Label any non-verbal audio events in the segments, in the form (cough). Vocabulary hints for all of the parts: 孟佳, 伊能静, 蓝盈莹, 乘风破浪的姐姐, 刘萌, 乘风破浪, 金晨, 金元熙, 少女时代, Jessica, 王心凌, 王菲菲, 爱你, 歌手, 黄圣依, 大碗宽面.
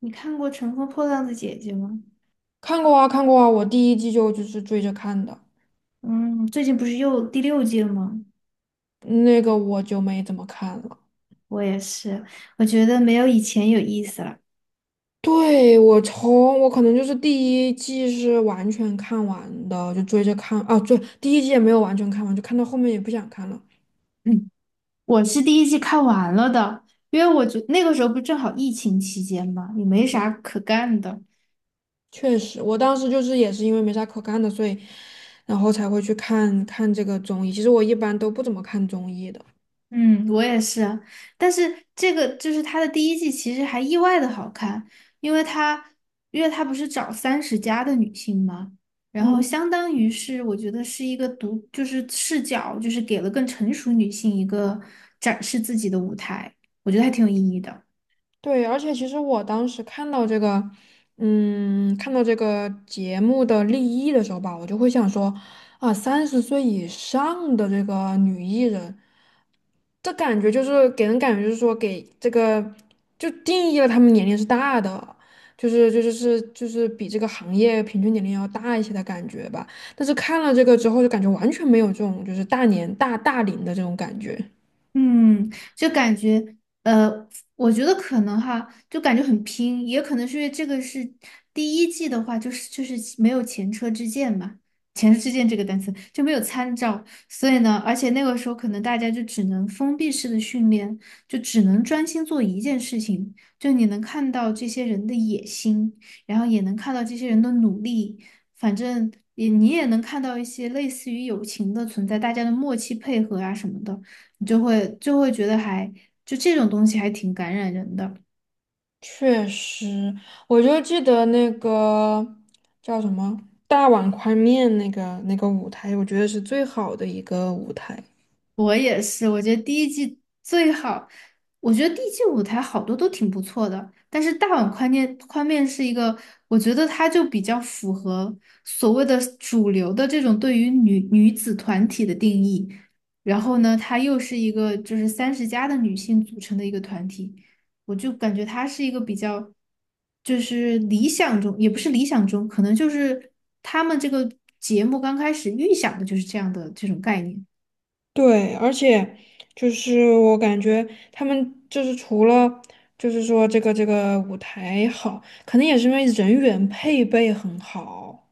你看过《乘风破浪的姐姐》吗？看过啊，看过啊，我第一季就是追着看的，嗯，最近不是又第六季了吗？那个我就没怎么看了。我也是，我觉得没有以前有意思了。对，我可能就是第一季是完全看完的，就追着看啊，对，第一季也没有完全看完，就看到后面也不想看了。嗯，我是第一季看完了的，因为我觉那个时候不正好疫情期间嘛，也没啥可干的。确实，我当时就是也是因为没啥可干的，所以然后才会去看看这个综艺。其实我一般都不怎么看综艺的。嗯，我也是，但是这个就是它的第一季，其实还意外的好看，因为它，因为它不是找三十加的女性嘛，然后嗯。相当于是我觉得是一个就是视角，就是给了更成熟女性一个展示自己的舞台，我觉得还挺有意义的。对，而且其实我当时看到这个节目的立意的时候吧，我就会想说，啊，三十岁以上的这个女艺人，这感觉就是给人感觉就是说给这个就定义了她们年龄是大的，就是比这个行业平均年龄要大一些的感觉吧。但是看了这个之后，就感觉完全没有这种就是大年大大龄的这种感觉。嗯，就感觉，呃，我觉得可能哈，就感觉很拼，也可能是因为这个是第一季的话，就是没有前车之鉴嘛，前车之鉴这个单词就没有参照，所以呢，而且那个时候可能大家就只能封闭式的训练，就只能专心做一件事情，就你能看到这些人的野心，然后也能看到这些人的努力，反正你也能看到一些类似于友情的存在，大家的默契配合啊什么的。你就会觉得还就这种东西还挺感染人的。确实，我就记得那个叫什么大碗宽面那个舞台，我觉得是最好的一个舞台。我也是，我觉得第一季最好，我觉得第一季舞台好多都挺不错的，但是大碗宽面是一个，我觉得它就比较符合所谓的主流的这种对于女子团体的定义，然后呢，它又是一个就是三十加的女性组成的一个团体，我就感觉它是一个比较，就是理想中，也不是理想中，可能就是他们这个节目刚开始预想的就是这样的这种概念。对，而且就是我感觉他们就是除了就是说这个舞台好，可能也是因为人员配备很好。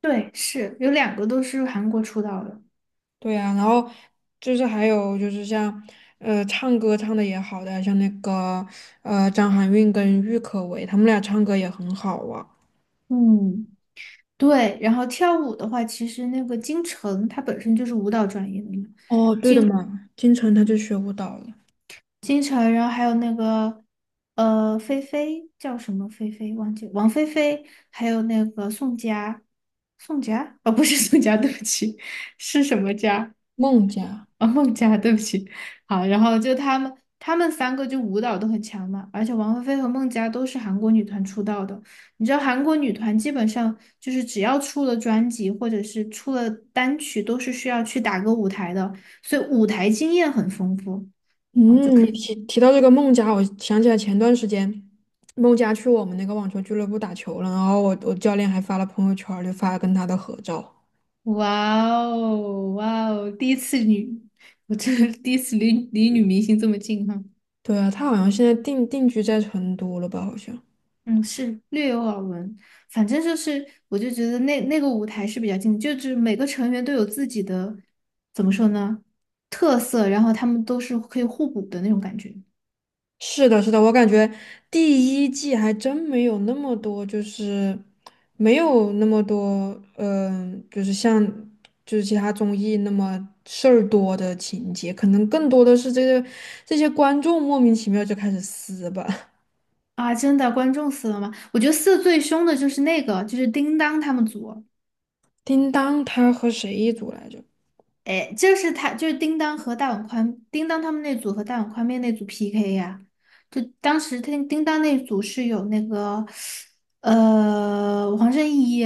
对，是有两个都是韩国出道的。对呀、然后就是还有就是像唱歌唱的也好的，像那个张含韵跟郁可唯，他们俩唱歌也很好啊。嗯，对，然后跳舞的话，其实那个金晨她本身就是舞蹈专业的嘛，哦，对的金嘛，金晨她就学舞蹈了。金晨，然后还有那个菲菲叫什么菲菲忘记了王菲菲，还有那个宋佳，宋佳哦不是宋佳，对不起，是什么佳？孟佳，啊，孟佳，对不起，好，然后就他们三个就舞蹈都很强嘛，而且王菲菲和孟佳都是韩国女团出道的。你知道韩国女团基本上就是只要出了专辑或者是出了单曲，都是需要去打歌舞台的，所以舞台经验很丰富啊，就嗯，你可以提到这个孟佳，我想起来前段时间孟佳去我们那个网球俱乐部打球了，然后我教练还发了朋友圈儿就发了跟他的合照。哇哦，哇哦，第一次女，我这第一次离女明星这么近哈。对啊，他好像现在定居在成都了吧？好像。嗯，是略有耳闻，反正就是，我就觉得那个舞台是比较近的，就是每个成员都有自己的，怎么说呢，特色，然后他们都是可以互补的那种感觉是的，是的，我感觉第一季还真没有那么多，就是没有那么多，就是像就是其他综艺那么事儿多的情节，可能更多的是这些观众莫名其妙就开始撕吧。(laughs) 啊！真的，观众死了吗？我觉得死得最凶的就是那个，就是叮当他们组，叮当他和谁一组来着？哎，就是他，就是叮当和大碗宽，叮当他们那组和大碗宽面那组 PK 呀、就当时叮当那组是有那个，黄圣依。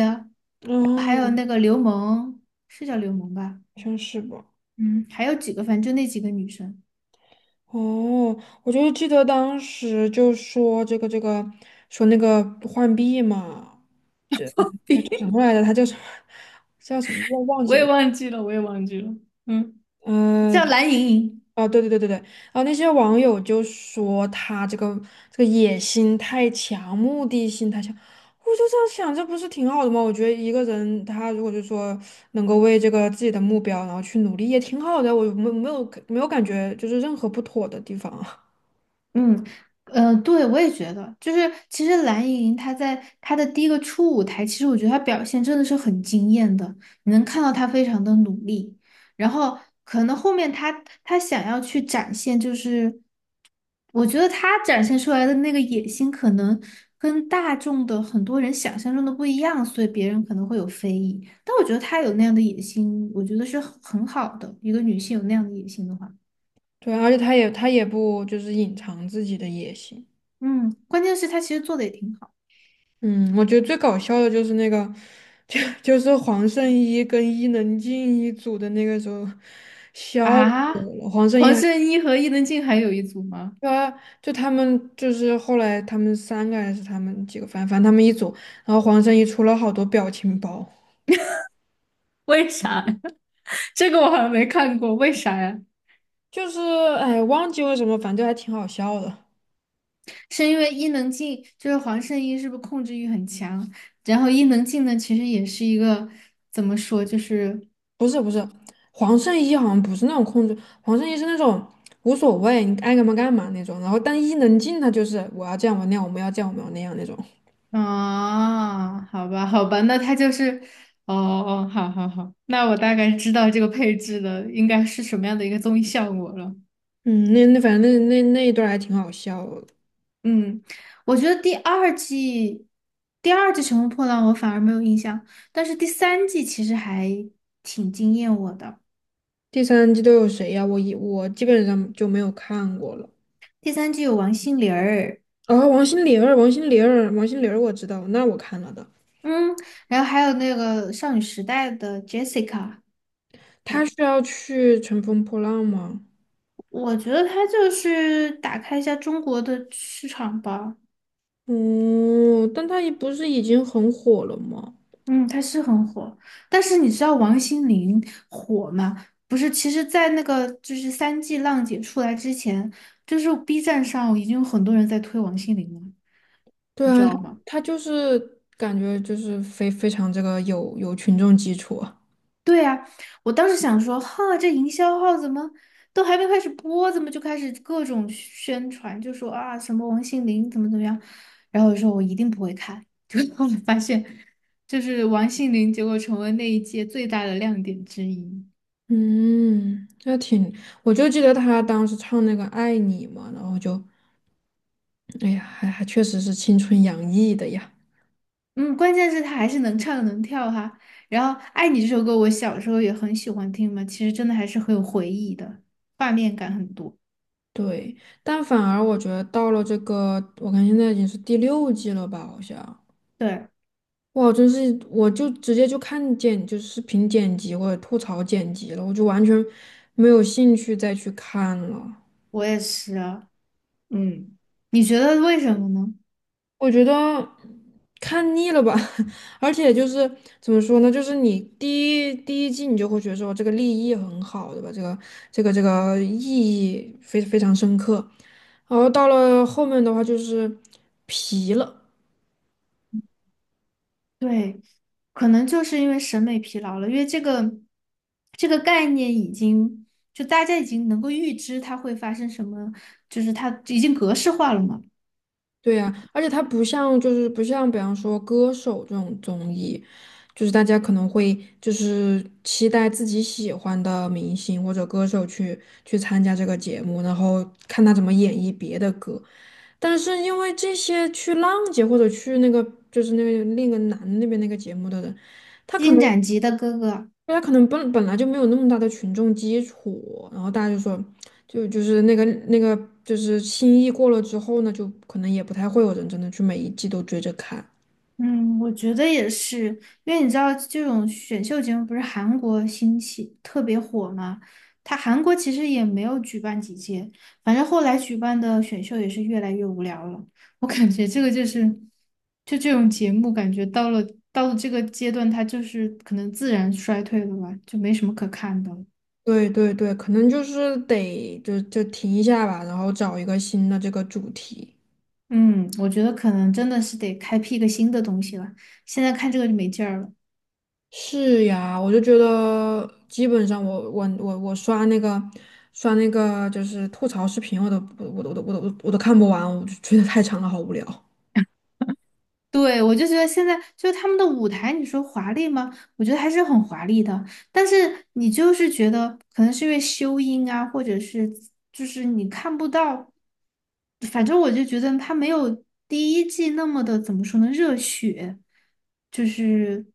还有嗯，那个刘萌，是叫刘萌吧？好像是吧。嗯，还有几个，反正就那几个女生，哦，我就记得当时就说这个说那个浣碧嘛。这就叫什 (laughs) 么来着？他叫什么？叫什么？我忘我记也了。忘记了，我也忘记了。嗯，嗯、叫蓝莹莹。哦，对对对对对，然后那些网友就说他这个野心太强，目的性太强。我就这样想，这不是挺好的吗？我觉得一个人他如果就说能够为这个自己的目标然后去努力，也挺好的。我没有感觉就是任何不妥的地方啊。嗯，对，我也觉得，就是其实蓝盈莹她在她的第一个初舞台，其实我觉得她表现真的是很惊艳的，你能看到她非常的努力，然后可能后面她想要去展现，就是我觉得她展现出来的那个野心，可能跟大众的很多人想象中的不一样，所以别人可能会有非议，但我觉得她有那样的野心，我觉得是很好的，一个女性有那样的野心的话，对，而且他也不就是隐藏自己的野心。嗯，关键是她其实做的也挺好。嗯，我觉得最搞笑的就是那个，(laughs) 就是黄圣依跟伊能静一组的那个时候，笑死啊，我了。黄圣依黄还圣依和伊能静还有一组吗？啊，就他们就是后来他们三个还是他们几个，反正他们一组，然后黄圣依出了好多表情包，(laughs) 为啥呀 (laughs) 这个我好像没看过，为啥呀？就是哎忘记为什么，反正还挺好笑的。是因为伊能静就是黄圣依，是不是控制欲很强？然后伊能静呢，其实也是一个怎么说，就是不是不是，黄圣依好像不是那种控制，黄圣依是那种无所谓，你爱干嘛干嘛那种。然后但伊能静她就是我要这样我那样，我们要这样我们要那样那种。啊，好吧，好吧，那他就是哦哦，好好好，那我大概知道这个配置的应该是什么样的一个综艺效果了。嗯，反正那一段儿还挺好笑的。嗯，我觉得第二季《乘风破浪》我反而没有印象，但是第三季其实还挺惊艳我的。第三季都有谁呀、我基本上就没有看过了。第三季有王心凌儿，哦，王心凌儿，王心凌儿，王心凌儿，我知道，那我看了的。嗯，然后还有那个少女时代的 Jessica，她然是要去乘风破浪吗？我觉得她就是打开一下中国的市场吧。嗯，但她也不是已经很火了吗？嗯，他是很火，但是你知道王心凌火吗？不是，其实，在那个就是三 G 浪姐出来之前，就是 B 站上已经有很多人在推王心凌了，对你知啊，她道吗？她就是感觉就是非常这个有群众基础啊对呀，我当时想说，哈，这营销号怎么都还没开始播，怎么就开始各种宣传，就说啊什么王心凌怎么怎么样，然后我说我一定不会看，(laughs) 结果我发现，就是王心凌，结果成为那一届最大的亮点之一。嗯，那挺，我就记得她当时唱那个《爱你》嘛，然后就哎呀，还确实是青春洋溢的呀。嗯，关键是他还是能唱能跳哈。然后《爱你》这首歌，我小时候也很喜欢听嘛，其实真的还是很有回忆的，画面感很多。对，但反而我觉得到了这个，我看现在已经是第六季了吧，好像。对，哇，真是，我就直接就看见就是视频剪辑或者吐槽剪辑了，我就完全没有兴趣再去看了。我也是啊。嗯，你觉得为什么呢？我觉得看腻了吧，(laughs) 而且就是怎么说呢，就是你第一季你就会觉得说这个立意很好，对吧？这个意义非常深刻，然后到了后面的话就是疲了，对，可能就是因为审美疲劳了，因为这个概念已经就大家已经能够预知它会发生什么，就是它已经格式化了嘛。对呀、而且它不像比方说歌手这种综艺，就是大家可能会就是期待自己喜欢的明星或者歌手去参加这个节目，然后看他怎么演绎别的歌。但是因为这些去浪姐或者去那个就是那个另一个男的那边那个节目的人，他可《金能荆斩的哥哥》他可能本来就没有那么大的群众基础，然后大家就说，就是那个就是新意过了之后呢，就可能也不太会有人真的去每一季都追着看。嗯，我觉得也是，因为你知道这种选秀节目不是韩国兴起特别火嘛，它韩国其实也没有举办几届，反正后来举办的选秀也是越来越无聊了。我感觉这个就是，就这种节目，感觉到了这个阶段，它就是可能自然衰退了吧，就没什么可看的了。对对对，可能就是得就停一下吧，然后找一个新的这个主题。嗯，我觉得可能真的是得开辟一个新的东西了，现在看这个就没劲儿了。是呀，我就觉得基本上我刷那个就是吐槽视频，我都看不完，我就觉得太长了，好无聊。对，我就觉得现在就是他们的舞台，你说华丽吗？我觉得还是很华丽的，但是你就是觉得可能是因为修音啊，或者是就是你看不到，反正我就觉得他没有第一季那么的怎么说呢，热血，就是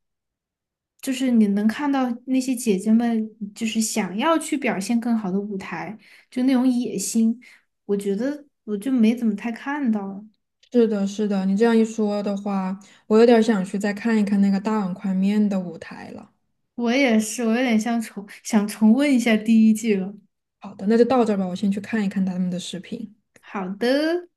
就是你能看到那些姐姐们就是想要去表现更好的舞台，就那种野心，我觉得我就没怎么太看到。是的，是的，你这样一说的话，我有点儿想去再看一看那个大碗宽面的舞台了。我也是，我有点像重温一下第一季了。好的，那就到这儿吧，我先去看一看他们的视频。好的。